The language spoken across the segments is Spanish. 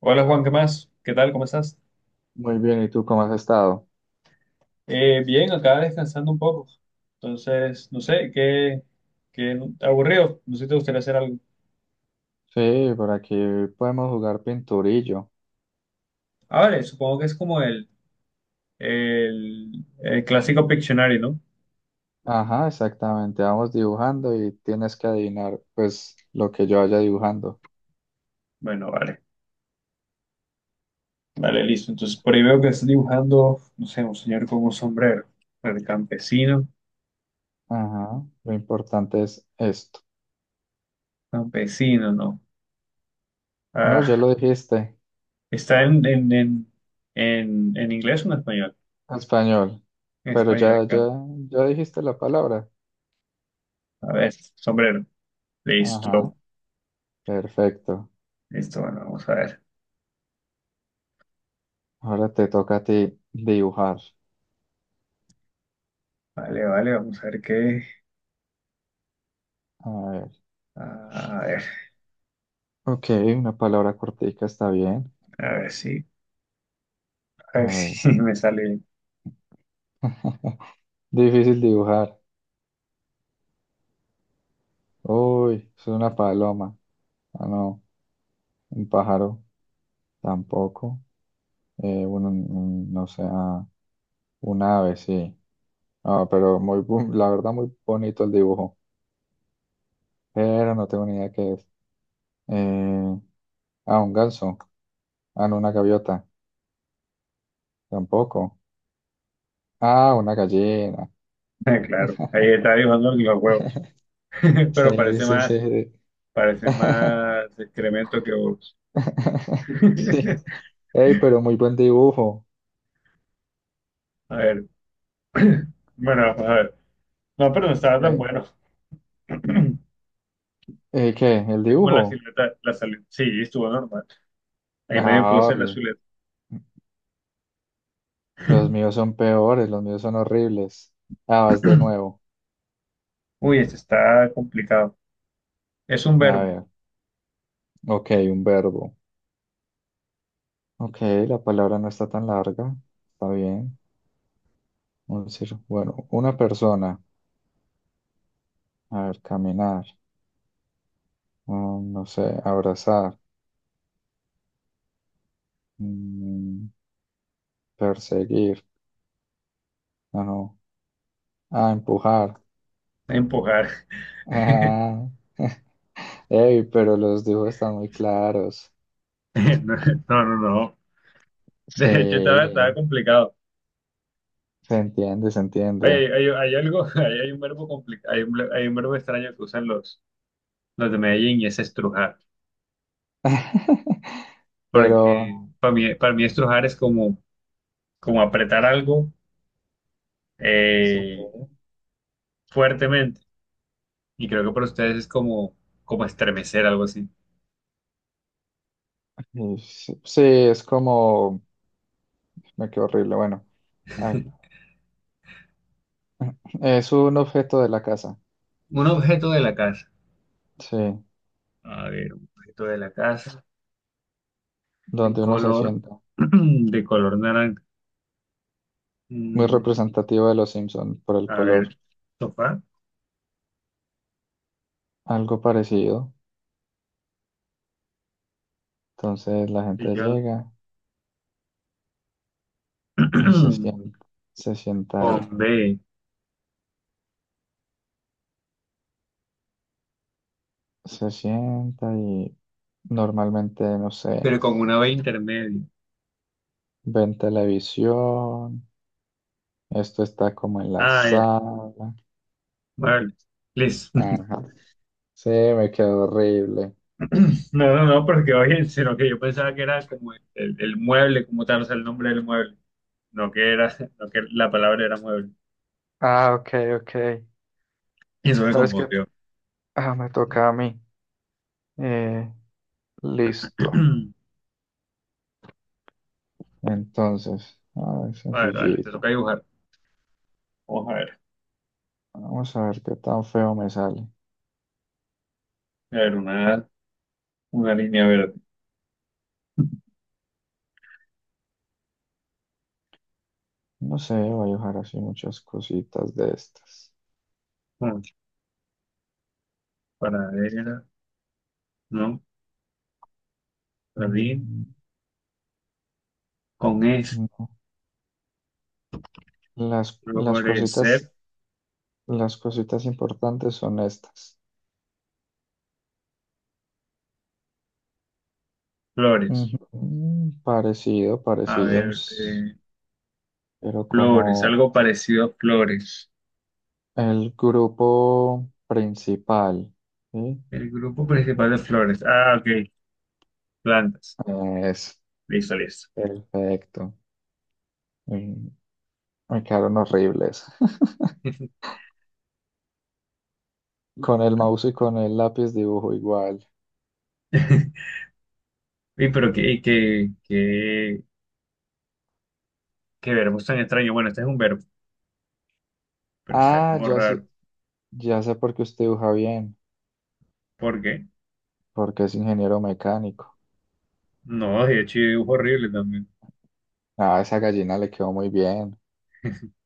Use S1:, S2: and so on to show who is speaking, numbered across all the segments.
S1: Hola Juan, ¿qué más? ¿Qué tal? ¿Cómo estás?
S2: Muy bien, ¿y tú cómo has estado?
S1: Bien, acá descansando un poco. Entonces, no sé, qué aburrido. No sé si te gustaría hacer algo.
S2: Sí, por aquí podemos jugar pinturillo.
S1: Ah, vale, supongo que es como el clásico Pictionary, ¿no?
S2: Ajá, exactamente. Vamos dibujando y tienes que adivinar, pues, lo que yo vaya dibujando.
S1: Bueno, vale. Vale, listo. Entonces, por ahí veo que estás dibujando, no sé, un señor con un sombrero. El campesino.
S2: Ajá, lo importante es esto.
S1: Campesino, no.
S2: No, ya
S1: Ah,
S2: lo dijiste,
S1: ¿está en inglés o en español?
S2: español.
S1: En
S2: Pero
S1: español,
S2: ya, ya,
S1: claro.
S2: ya dijiste la palabra.
S1: A ver, sombrero.
S2: Ajá,
S1: Listo.
S2: perfecto.
S1: Listo, bueno, vamos a ver.
S2: Ahora te toca a ti dibujar.
S1: Vale, vale, vamos a ver qué.
S2: A ver.
S1: A ver,
S2: Ok, una palabra cortica está bien.
S1: a ver si, a
S2: A
S1: ver
S2: ver.
S1: si me sale bien.
S2: Difícil dibujar. Uy, es una paloma. Ah, no, un pájaro tampoco. Bueno, un- no sé, ah, un ave, sí. Ah, pero muy, bu- la verdad, muy bonito el dibujo. Pero no tengo ni idea qué es. Eh, ah, un ganso. Ah, no, una gaviota. Tampoco. Ah, una gallina.
S1: Ah, claro, ahí está dibujando los huevos. Pero
S2: Sí, sí, sí.
S1: parece más excremento que huevos.
S2: Sí. Ey, pero muy buen dibujo.
S1: A ver. Bueno, a ver. No, pero no estaba tan
S2: Ey,
S1: bueno. Es
S2: ¿qué? ¿El
S1: como la
S2: dibujo?
S1: silueta, sí, estuvo normal. Ahí medio pude
S2: Ah,
S1: ser la silueta.
S2: los míos son peores, los míos son horribles. Ah, vas de nuevo.
S1: Uy, este está complicado. Es un
S2: A
S1: verbo,
S2: ver, ok, un verbo. Ok, la palabra no está tan larga. Está bien. Vamos a decir, bueno, una persona. A ver, caminar. Mm, no sé, abrazar. Mm, perseguir. Ah, no. Ah, empujar.
S1: empujar.
S2: Ah. Ey, pero los dibujos están muy claros.
S1: No, no, no.
S2: Sí,
S1: De hecho, estaba
S2: se
S1: complicado.
S2: entiende, se entiende.
S1: Oye, hay algo, hay un verbo complicado, hay un verbo extraño que usan los de Medellín y es estrujar. Porque
S2: Pero,
S1: para mí estrujar es como, como apretar algo
S2: sí.
S1: eh, fuertemente. Y creo que para ustedes es como, como estremecer, algo así.
S2: Y sí, sí, es como... Me quedó horrible, bueno. Ay. Es un objeto de la casa,
S1: Un objeto de la casa.
S2: sí,
S1: A ver, un objeto de la casa de
S2: donde uno se
S1: color,
S2: sienta.
S1: de color naranja.
S2: Muy
S1: Mm,
S2: representativo de los Simpson por el
S1: a
S2: color.
S1: ver, sofá,
S2: Algo parecido. Entonces la gente
S1: sillón,
S2: llega y se sienta ahí.
S1: con B,
S2: Se sienta y normalmente, no sé,
S1: pero con una B intermedia.
S2: ven televisión. Esto está como en la
S1: Ah, ya.
S2: sala.
S1: Vale. Listo.
S2: Ajá. Sí, me quedó horrible.
S1: No, no, no, porque oye, sino que yo pensaba que era como el mueble, como tal, o sea, el nombre del mueble. No que era, no que la palabra era mueble.
S2: Ah, ok, ok.
S1: Y eso me
S2: No, es que
S1: confundió.
S2: ah, me toca a mí. Eh, listo. Entonces, a ver,
S1: Vale, vale, te
S2: sencillita.
S1: toca dibujar. Vamos a ver.
S2: Vamos a ver qué tan feo me sale.
S1: A ver, una línea verde.
S2: No sé, voy a dejar así muchas cositas de estas.
S1: Mm, ¿paradera, no? Jardín.
S2: Mm,
S1: Con es.
S2: no. Las cositas,
S1: Florecer.
S2: las cositas importantes son estas.
S1: Flores.
S2: Ujú. Mm, parecido,
S1: A
S2: parecido, un
S1: ver,
S2: s- pero
S1: flores.
S2: como
S1: Algo parecido a flores.
S2: el grupo principal, ¿sí?
S1: El grupo principal de flores. Ah, ok. Plantas.
S2: Es
S1: Listo, listo.
S2: perfecto. Mm. Me quedaron horribles. Con el mouse y con el lápiz dibujo igual.
S1: Y pero qué verbo tan extraño. Bueno, este es un verbo, pero está
S2: Ah,
S1: como raro.
S2: ya sé por qué usted dibuja bien,
S1: ¿Por qué?
S2: porque es ingeniero mecánico.
S1: No, de hecho, yo dibujo horrible también.
S2: Ah, esa gallina le quedó muy bien.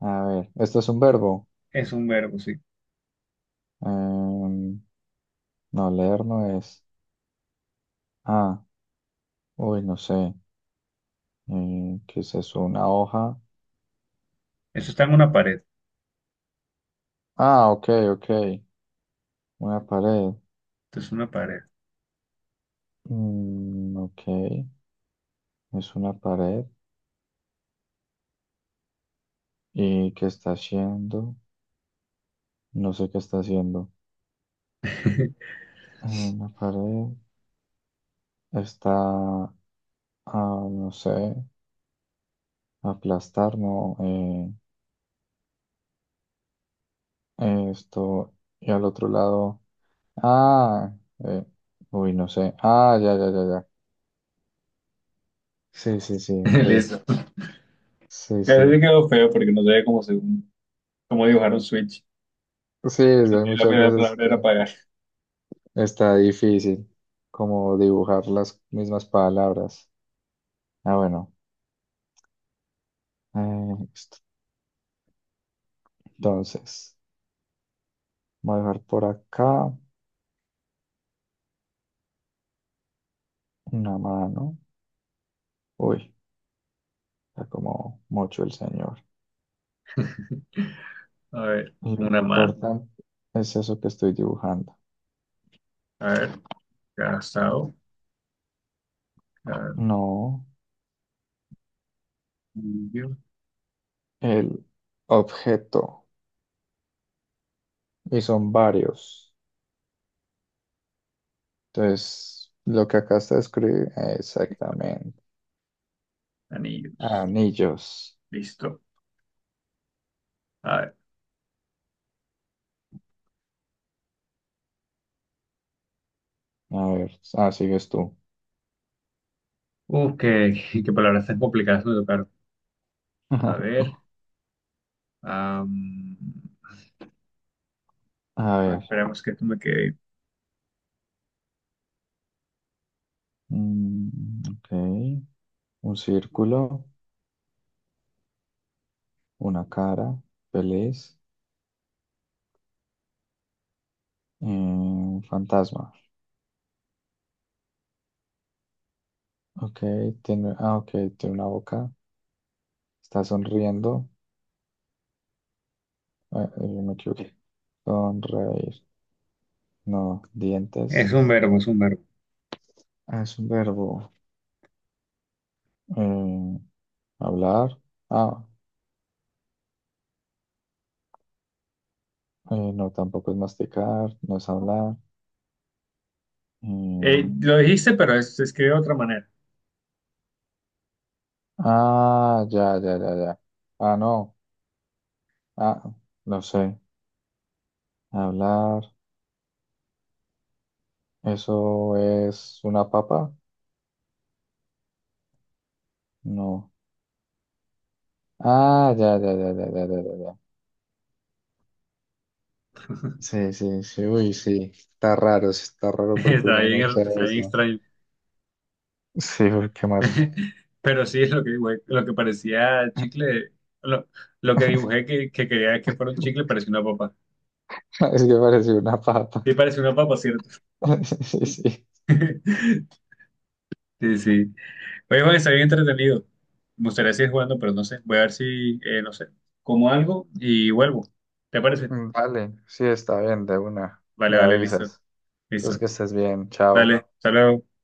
S2: A ver, ¿esto es un verbo?
S1: Es un verbo, sí.
S2: Em, no, leer no es. Ah, uy, no sé. ¿Qué es eso? ¿Una hoja?
S1: Eso está en una pared.
S2: Ah, ok, ok. Una pared.
S1: Esto es una pared.
S2: Mm, ok, es una pared. ¿Y qué está haciendo? No sé qué está haciendo. Una pared está a, no sé, aplastar, ¿no? Esto, y al otro lado, ah, eh, uy, no sé, ah, ya, ya, ya, ya. Sí, sí, sí, ok,
S1: Listo.
S2: sí,
S1: Eso
S2: sí.
S1: sí quedó feo porque no sabía cómo dibujar un switch.
S2: Sí, es que hay
S1: Y la
S2: muchas
S1: primera
S2: veces
S1: palabra
S2: que
S1: era pagar.
S2: está difícil como dibujar las mismas palabras. Ah, bueno, esto. Entonces, voy a dejar por acá una mano. Uy, está como mucho el señor.
S1: A ver,
S2: Lo
S1: una mano.
S2: importante es eso que estoy dibujando.
S1: A ver, casado,
S2: No,
S1: anillo,
S2: el objeto. Y son varios. Entonces, lo que acá está escrito exactamente.
S1: anillos.
S2: Anillos.
S1: Listo. A ver.
S2: A ver, ah, sigues tú.
S1: Qué, qué palabras tan complicadas me tocaron. A ver. am,
S2: A ver.
S1: esperemos que esto me quede.
S2: Mm, ok. Un círculo, una cara, feliz, un fantasma. Ok, tiene, ah, ok, tiene una boca. Está sonriendo. Ah, me equivoqué. Sonreír. No,
S1: Es
S2: dientes
S1: un verbo, es un verbo.
S2: ah, es un verbo. Eh, hablar. Ah, no, tampoco es masticar, no es hablar. Eh,
S1: Lo dijiste, pero se escribe de otra manera.
S2: ah, ya, ya, ya, ya. Ah, no. Ah, no sé. Hablar. ¿Eso es una papa? No. Ah, ya, ya, ya, ya, ya, ya, ya, ya. Sí, sí, sí. Uy, sí. Está raro, sí, está raro porque uno no usa
S1: Está bien
S2: eso.
S1: extraño.
S2: Sí, uy, ¿qué más?
S1: Pero sí, lo que parecía chicle, lo, lo que dibujé que quería que fuera un chicle parecía una papa.
S2: Es que pareció una papa.
S1: Sí, parece una papa, ¿cierto?
S2: Sí, sí.
S1: Sí, sí. Oye, Juan, está bien entretenido. Me gustaría seguir jugando, pero no sé. Voy a ver si, no sé, como algo y vuelvo. ¿Te parece?
S2: Mm, vale, sí, está bien, de una.
S1: Vale,
S2: Me
S1: vale, listo.
S2: avisas. Entonces
S1: Listo.
S2: que estés bien,
S1: Dale,
S2: chao.
S1: hasta luego.